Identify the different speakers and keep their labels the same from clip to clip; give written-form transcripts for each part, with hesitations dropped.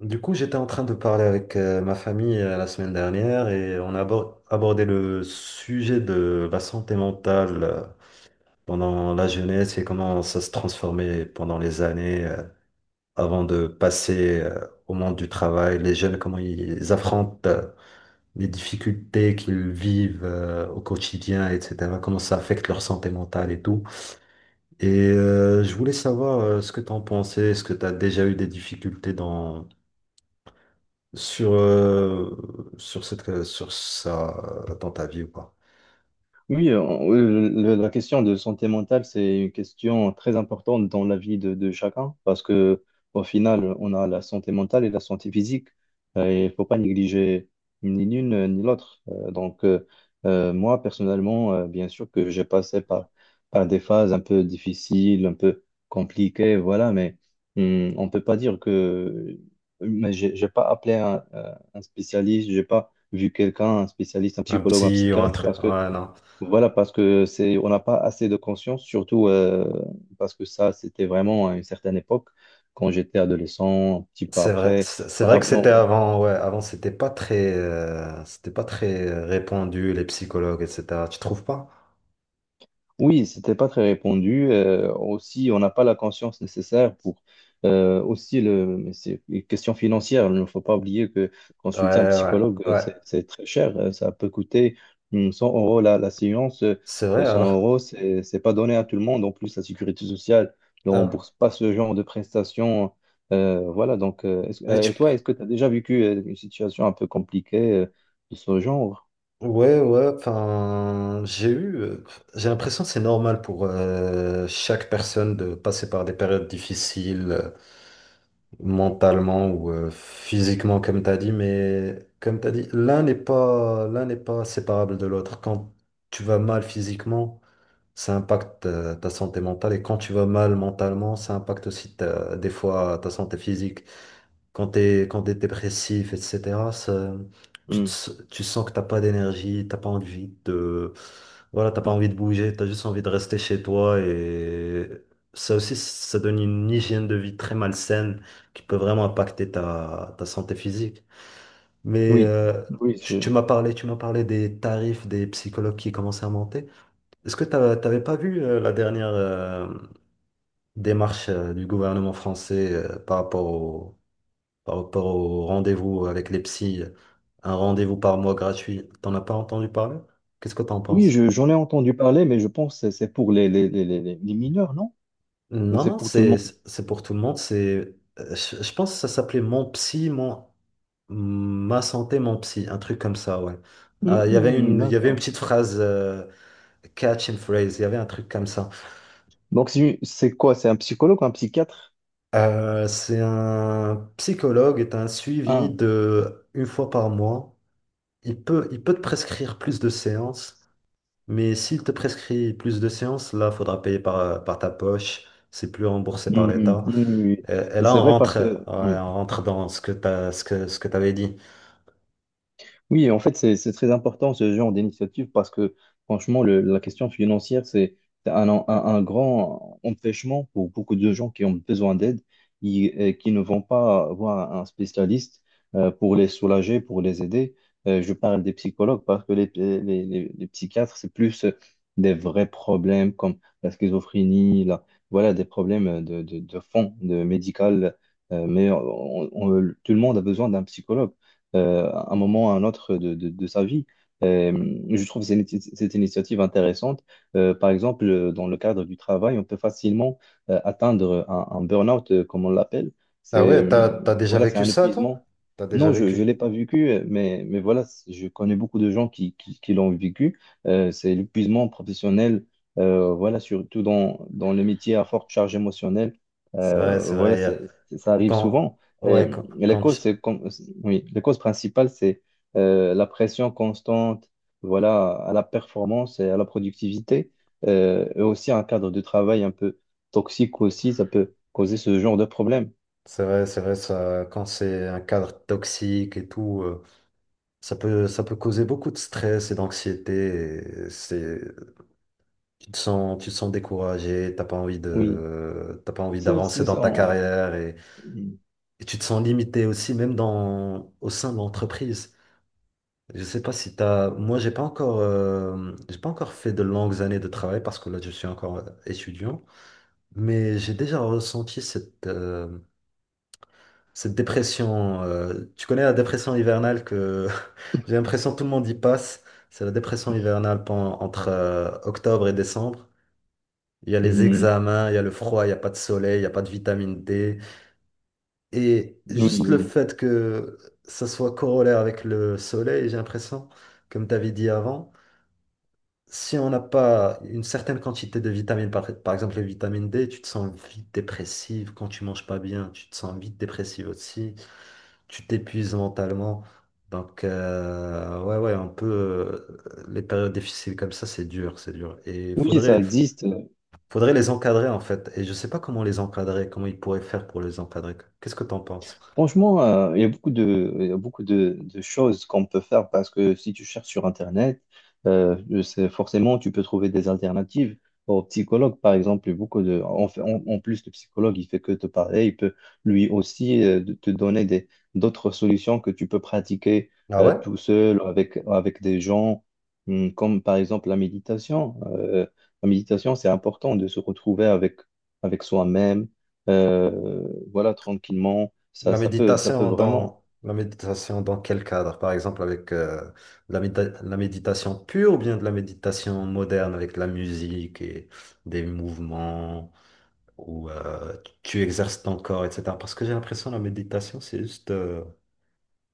Speaker 1: Du coup, j'étais en train de parler avec ma famille la semaine dernière et on a abordé le sujet de la santé mentale pendant la jeunesse et comment ça se transformait pendant les années avant de passer au monde du travail. Les jeunes, comment ils affrontent les difficultés qu'ils vivent au quotidien, etc. Comment ça affecte leur santé mentale et tout. Et je voulais savoir ce que tu en pensais. Est-ce que tu as déjà eu des difficultés sur, euh, sur ça dans ta vie ou pas?
Speaker 2: Oui, la question de santé mentale, c'est une question très importante dans la vie de chacun parce que au final, on a la santé mentale et la santé physique. Et il faut pas négliger ni l'une ni l'autre. Donc, moi, personnellement, bien sûr que j'ai passé par des phases un peu difficiles, un peu compliquées, voilà, mais on peut pas dire que. Mais j'ai pas appelé un spécialiste, j'ai pas vu quelqu'un, un spécialiste, un
Speaker 1: Un
Speaker 2: psychologue, un
Speaker 1: petit ou un
Speaker 2: psychiatre
Speaker 1: truc.
Speaker 2: parce que
Speaker 1: Ouais, non.
Speaker 2: voilà, parce que c'est, on n'a pas assez de conscience, surtout parce que ça, c'était vraiment à une certaine époque, quand j'étais adolescent, un petit peu
Speaker 1: C'est vrai,
Speaker 2: après.
Speaker 1: c'est vrai
Speaker 2: Voilà,
Speaker 1: que c'était avant, ouais, avant c'était pas très répandu, les psychologues, etc. Tu trouves pas?
Speaker 2: oui, c'était pas très répandu. Aussi, on n'a pas la conscience nécessaire pour aussi le. Mais c'est une question financière. Il ne faut pas oublier que
Speaker 1: Ouais,
Speaker 2: consulter un
Speaker 1: ouais,
Speaker 2: psychologue,
Speaker 1: ouais.
Speaker 2: c'est très cher. Ça peut coûter 100 € la séance.
Speaker 1: C'est vrai
Speaker 2: Et 100
Speaker 1: alors.
Speaker 2: euros, c'est pas donné à tout le monde. En plus, la sécurité sociale ne
Speaker 1: Ah.
Speaker 2: rembourse pas ce genre de prestations. Voilà. Donc,
Speaker 1: Et tu-
Speaker 2: et toi, est-ce que tu as déjà vécu une situation un peu compliquée de ce genre?
Speaker 1: Ouais, ouais, enfin, j'ai l'impression que c'est normal pour chaque personne de passer par des périodes difficiles, mentalement ou physiquement, comme tu as dit. Mais comme tu as dit, l'un n'est pas séparable de l'autre. Quand tu vas mal physiquement, ça impacte ta santé mentale, et quand tu vas mal mentalement, ça impacte aussi des fois ta santé physique. Quand t'es dépressif, etc., ça- tu, te
Speaker 2: Hum.
Speaker 1: s- tu sens que t'as pas d'énergie, t'as pas envie de, voilà, t'as pas envie de bouger, t'as juste envie de rester chez toi, et ça aussi, ça donne une hygiène de vie très malsaine qui peut vraiment impacter ta santé physique. Mais
Speaker 2: Oui, oui,
Speaker 1: tu, tu m'as parlé, tu m'as parlé des tarifs des psychologues qui commençaient à monter. Est-ce que t'avais pas vu la dernière démarche du gouvernement français par rapport au rendez-vous avec les psys, un rendez-vous par mois gratuit. T'en as pas entendu parler? Qu'est-ce que t'en
Speaker 2: oui,
Speaker 1: penses?
Speaker 2: j'en ai entendu parler, mais je pense que c'est pour les mineurs, non? Ou
Speaker 1: Non,
Speaker 2: c'est
Speaker 1: non,
Speaker 2: pour tout le
Speaker 1: c'est
Speaker 2: monde?
Speaker 1: c'est pour tout le monde. Je pense que ça s'appelait Mon Psy, mon, ma santé, mon psy, un truc comme ça, ouais. Il y avait une
Speaker 2: D'accord.
Speaker 1: petite phrase, catch and phrase, il y avait un truc comme ça.
Speaker 2: Donc, c'est quoi? C'est un psychologue ou un psychiatre?
Speaker 1: C'est un psychologue, est un suivi
Speaker 2: Ah,
Speaker 1: de une fois par mois. Il peut te prescrire plus de séances. Mais s'il te prescrit plus de séances, là, faudra payer par ta poche. C'est plus remboursé par l'État.
Speaker 2: oui.
Speaker 1: Et là,
Speaker 2: C'est
Speaker 1: on
Speaker 2: vrai parce
Speaker 1: rentre,
Speaker 2: que,
Speaker 1: ouais,
Speaker 2: oui.
Speaker 1: on rentre dans ce que t'avais dit.
Speaker 2: Oui, en fait, c'est très important ce genre d'initiative parce que franchement, la question financière, c'est c'est un grand empêchement pour beaucoup de gens qui ont besoin d'aide et qui ne vont pas voir un spécialiste pour les soulager, pour les aider. Je parle des psychologues parce que les psychiatres, c'est plus des vrais problèmes comme la schizophrénie, voilà, des problèmes de fond, de médical. Mais tout le monde a besoin d'un psychologue à un moment ou à un autre de sa vie. Euh, je trouve cette initiative intéressante. Par exemple, dans le cadre du travail, on peut facilement atteindre un burn-out, comme on l'appelle.
Speaker 1: Ah
Speaker 2: C'est,
Speaker 1: ouais, t'as, t'as déjà
Speaker 2: voilà, c'est
Speaker 1: vécu
Speaker 2: un
Speaker 1: ça, toi?
Speaker 2: épuisement.
Speaker 1: T'as déjà
Speaker 2: Non, je ne l'ai
Speaker 1: vécu.
Speaker 2: pas vécu, mais voilà, je connais beaucoup de gens qui l'ont vécu. C'est l'épuisement professionnel, voilà, surtout dans le métier à forte charge émotionnelle.
Speaker 1: C'est vrai, c'est
Speaker 2: Voilà,
Speaker 1: vrai.
Speaker 2: c'est, ça arrive
Speaker 1: Quand,
Speaker 2: souvent. Et
Speaker 1: ouais, quand,
Speaker 2: les
Speaker 1: quand
Speaker 2: causes,
Speaker 1: tu-
Speaker 2: c'est comme, oui, les causes principales, c'est la pression constante, voilà, à la performance et à la productivité, et aussi un cadre de travail un peu toxique aussi, ça peut causer ce genre de problème.
Speaker 1: c'est vrai, ça, quand c'est un cadre toxique et tout, ça peut causer beaucoup de stress et d'anxiété. et C'est, tu te sens découragé, t'as pas envie
Speaker 2: Oui,
Speaker 1: de, t'as pas envie
Speaker 2: c'est
Speaker 1: d'avancer
Speaker 2: c'est
Speaker 1: dans
Speaker 2: ça.
Speaker 1: ta carrière, et tu te sens limité aussi, même dans, au sein de l'entreprise. Je sais pas si t'as, moi j'ai pas encore fait de longues années de travail parce que là je suis encore étudiant, mais j'ai déjà ressenti cette dépression. Tu connais la dépression hivernale que j'ai l'impression que tout le monde y passe. C'est la dépression hivernale entre octobre et décembre. Il y a les
Speaker 2: Mhm.
Speaker 1: examens, il y a le froid, il n'y a pas de soleil, il n'y a pas de vitamine D. Et
Speaker 2: Oui,
Speaker 1: juste le
Speaker 2: oui.
Speaker 1: fait que ça soit corollaire avec le soleil, j'ai l'impression, comme tu avais dit avant, si on n'a pas une certaine quantité de vitamines, par exemple les vitamines D, tu te sens vite dépressive quand tu manges pas bien, tu te sens vite dépressive aussi, tu t'épuises mentalement. Donc, ouais, ouais, un peu, les périodes difficiles comme ça, c'est dur, c'est dur. Et il
Speaker 2: Oui, ça
Speaker 1: faudrait
Speaker 2: existe.
Speaker 1: Les encadrer en fait. Et je sais pas comment les encadrer, comment ils pourraient faire pour les encadrer. Qu'est-ce que tu en penses?
Speaker 2: Franchement, il y a beaucoup de choses qu'on peut faire parce que si tu cherches sur Internet, je forcément, tu peux trouver des alternatives au psychologue, par exemple. Il y a beaucoup de, en plus, le psychologue, il fait que te parler. Il peut lui aussi te donner des, d'autres solutions que tu peux pratiquer
Speaker 1: Ah ouais?
Speaker 2: tout seul ou avec des gens, Comme par exemple la méditation. La méditation, c'est important de se retrouver avec soi-même, euh, voilà, tranquillement ça,
Speaker 1: La
Speaker 2: ça peut
Speaker 1: méditation
Speaker 2: vraiment.
Speaker 1: dans la méditation dans quel cadre? Par exemple avec la méditation pure, ou bien de la méditation moderne avec de la musique et des mouvements où tu exerces ton corps, etc. Parce que j'ai l'impression que la méditation, c'est juste, euh,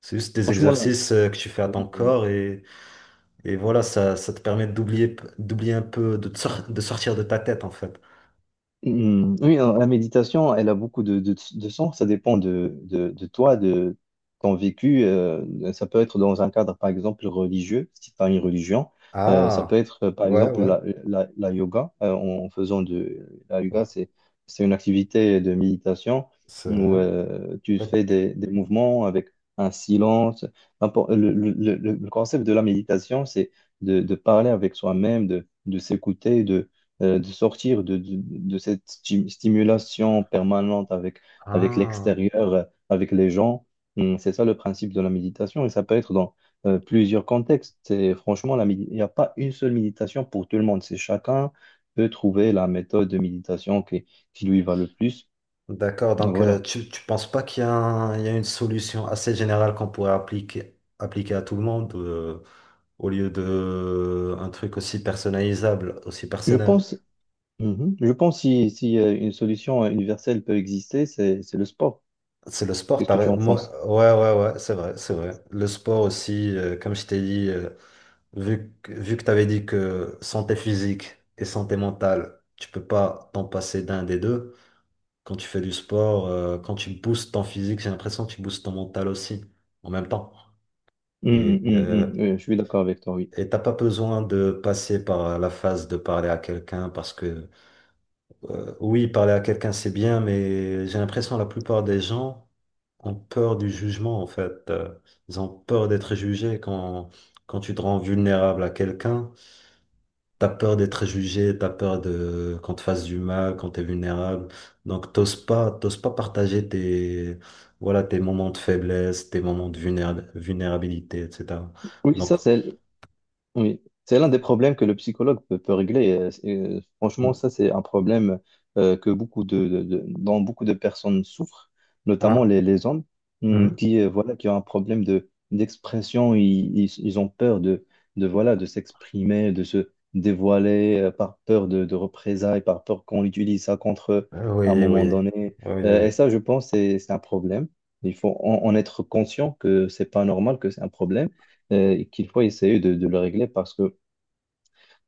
Speaker 1: c'est juste des
Speaker 2: Franchement, là.
Speaker 1: exercices que tu fais à ton
Speaker 2: euh,
Speaker 1: corps, et voilà, ça te permet d'oublier un peu, de sortir de ta tête en fait.
Speaker 2: Hmm, oui, la méditation, elle a beaucoup de sens. Ça dépend de toi, de ton vécu. Ça peut être dans un cadre, par exemple, religieux, si tu as une religion. Ça peut
Speaker 1: Ah,
Speaker 2: être, par
Speaker 1: ouais,
Speaker 2: exemple, la,
Speaker 1: ouais.
Speaker 2: la, la yoga. En faisant de la
Speaker 1: Bon,
Speaker 2: yoga, c'est une activité de méditation
Speaker 1: c'est
Speaker 2: où
Speaker 1: vrai.
Speaker 2: tu fais
Speaker 1: Ok.
Speaker 2: des mouvements avec un silence. Le concept de la méditation, c'est de parler avec soi-même, de s'écouter, de sortir de cette stimulation permanente avec
Speaker 1: Ah,
Speaker 2: l'extérieur, avec les gens. Hum. C'est ça le principe de la méditation et ça peut être dans plusieurs contextes. Et franchement, il n'y a pas une seule méditation pour tout le monde. C'est chacun peut trouver la méthode de méditation qui lui va le plus.
Speaker 1: d'accord. Donc,
Speaker 2: Voilà.
Speaker 1: tu penses pas qu'il y a il y a une solution assez générale qu'on pourrait appliquer à tout le monde, au lieu de un truc aussi personnalisable, aussi
Speaker 2: Je
Speaker 1: personnel.
Speaker 2: pense. Mhm. Je pense, si une solution universelle peut exister, c'est le sport.
Speaker 1: C'est le sport,
Speaker 2: Qu'est-ce que tu
Speaker 1: pareil.
Speaker 2: en
Speaker 1: Moi,
Speaker 2: penses?
Speaker 1: ouais, ouais, ouais, c'est vrai, c'est vrai. Le sport aussi, comme je t'ai dit, vu que tu avais dit que santé physique et santé mentale, tu peux pas t'en passer d'un des deux. Quand tu fais du sport, quand tu boostes ton physique, j'ai l'impression que tu boostes ton mental aussi en même temps. Et euh,
Speaker 2: Je suis d'accord avec toi, oui.
Speaker 1: et t'as pas besoin de passer par la phase de parler à quelqu'un, parce que oui, parler à quelqu'un c'est bien, mais j'ai l'impression que la plupart des gens ont peur du jugement en fait. Ils ont peur d'être jugés quand tu te rends vulnérable à quelqu'un. T'as peur d'être jugé, t'as peur de qu'on te fasse du mal, quand t'es vulnérable. Donc t'oses pas partager voilà, tes moments de faiblesse, tes moments de vulnérabilité, etc.
Speaker 2: Oui,
Speaker 1: Donc
Speaker 2: ça, c'est. Oui, c'est l'un des problèmes que le psychologue peut régler. Franchement, ça, c'est un problème que beaucoup dont beaucoup de personnes souffrent, notamment
Speaker 1: ah,
Speaker 2: les hommes,
Speaker 1: mhm.
Speaker 2: qui, voilà, qui ont un problème d'expression. Ils ont peur de, voilà, de s'exprimer, de se dévoiler, par peur de représailles, par peur qu'on utilise ça contre eux
Speaker 1: Euh,
Speaker 2: à un
Speaker 1: oui,
Speaker 2: moment
Speaker 1: oui,
Speaker 2: donné.
Speaker 1: oui, oui.
Speaker 2: Et
Speaker 1: Oui.
Speaker 2: ça, je pense, c'est un problème. Il faut en être conscient que c'est pas normal, que c'est un problème et qu'il faut essayer de le régler parce que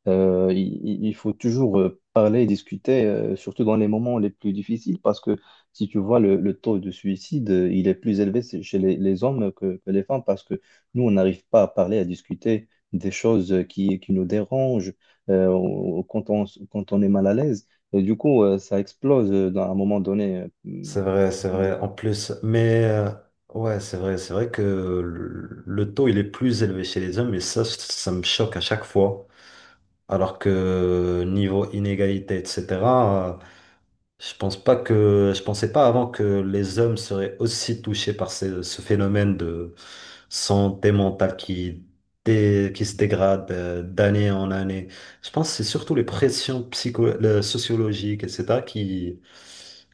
Speaker 2: il faut toujours parler et discuter, surtout dans les moments les plus difficiles, parce que si tu vois le taux de suicide, il est plus élevé chez les hommes que les femmes, parce que nous, on n'arrive pas à parler, à discuter des choses qui nous dérangent quand on est mal à l'aise. Et du coup, ça explose à un moment donné.
Speaker 1: C'est vrai, c'est
Speaker 2: euh,
Speaker 1: vrai. En plus, ouais, c'est vrai que le taux il est plus élevé chez les hommes, et ça me choque à chaque fois. Alors que niveau inégalité, etc. Je pense pas que, je pensais pas avant que les hommes seraient aussi touchés par ce phénomène de santé mentale qui se dégrade d'année en année. Je pense que c'est surtout les pressions psycho, sociologiques, etc., qui,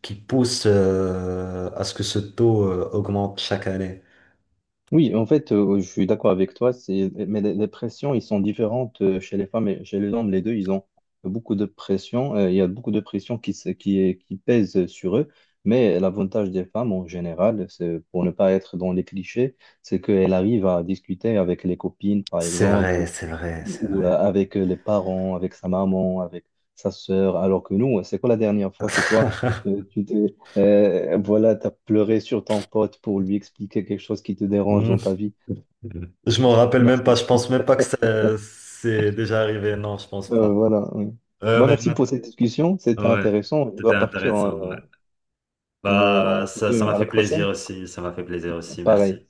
Speaker 1: qui poussent à ce que ce taux augmente chaque année.
Speaker 2: Oui, en fait, je suis d'accord avec toi, c'est, mais les pressions, ils sont différentes chez les femmes et chez les hommes. Les deux, ils ont beaucoup de pression. Il y a beaucoup de pression qui, se- qui, est- qui pèse sur eux. Mais l'avantage des femmes, en général, c'est, pour ne pas être dans les clichés, c'est qu'elles arrivent à discuter avec les copines, par
Speaker 1: C'est
Speaker 2: exemple,
Speaker 1: vrai,
Speaker 2: ou,
Speaker 1: c'est vrai, c'est
Speaker 2: ou
Speaker 1: vrai.
Speaker 2: avec les parents, avec sa maman, avec sa sœur. Alors que nous, c'est quoi la dernière fois que toi, tu t'es voilà, t'as pleuré sur ton pote pour lui expliquer quelque chose qui te dérange
Speaker 1: Hmm.
Speaker 2: dans ta vie.
Speaker 1: Je m'en rappelle même pas, je pense même pas que c'est déjà arrivé, non, je pense
Speaker 2: Non,
Speaker 1: pas.
Speaker 2: voilà. Oui.
Speaker 1: Euh,
Speaker 2: Bon,
Speaker 1: mais
Speaker 2: merci pour cette discussion, c'était
Speaker 1: Ouais,
Speaker 2: intéressant. Je
Speaker 1: c'était
Speaker 2: dois partir.
Speaker 1: intéressant, ouais.
Speaker 2: Hein. Euh,
Speaker 1: Bah,
Speaker 2: On se
Speaker 1: ça,
Speaker 2: dit
Speaker 1: ça m'a
Speaker 2: à la
Speaker 1: fait plaisir
Speaker 2: prochaine.
Speaker 1: aussi. Ça m'a fait plaisir aussi.
Speaker 2: Pareil.
Speaker 1: Merci.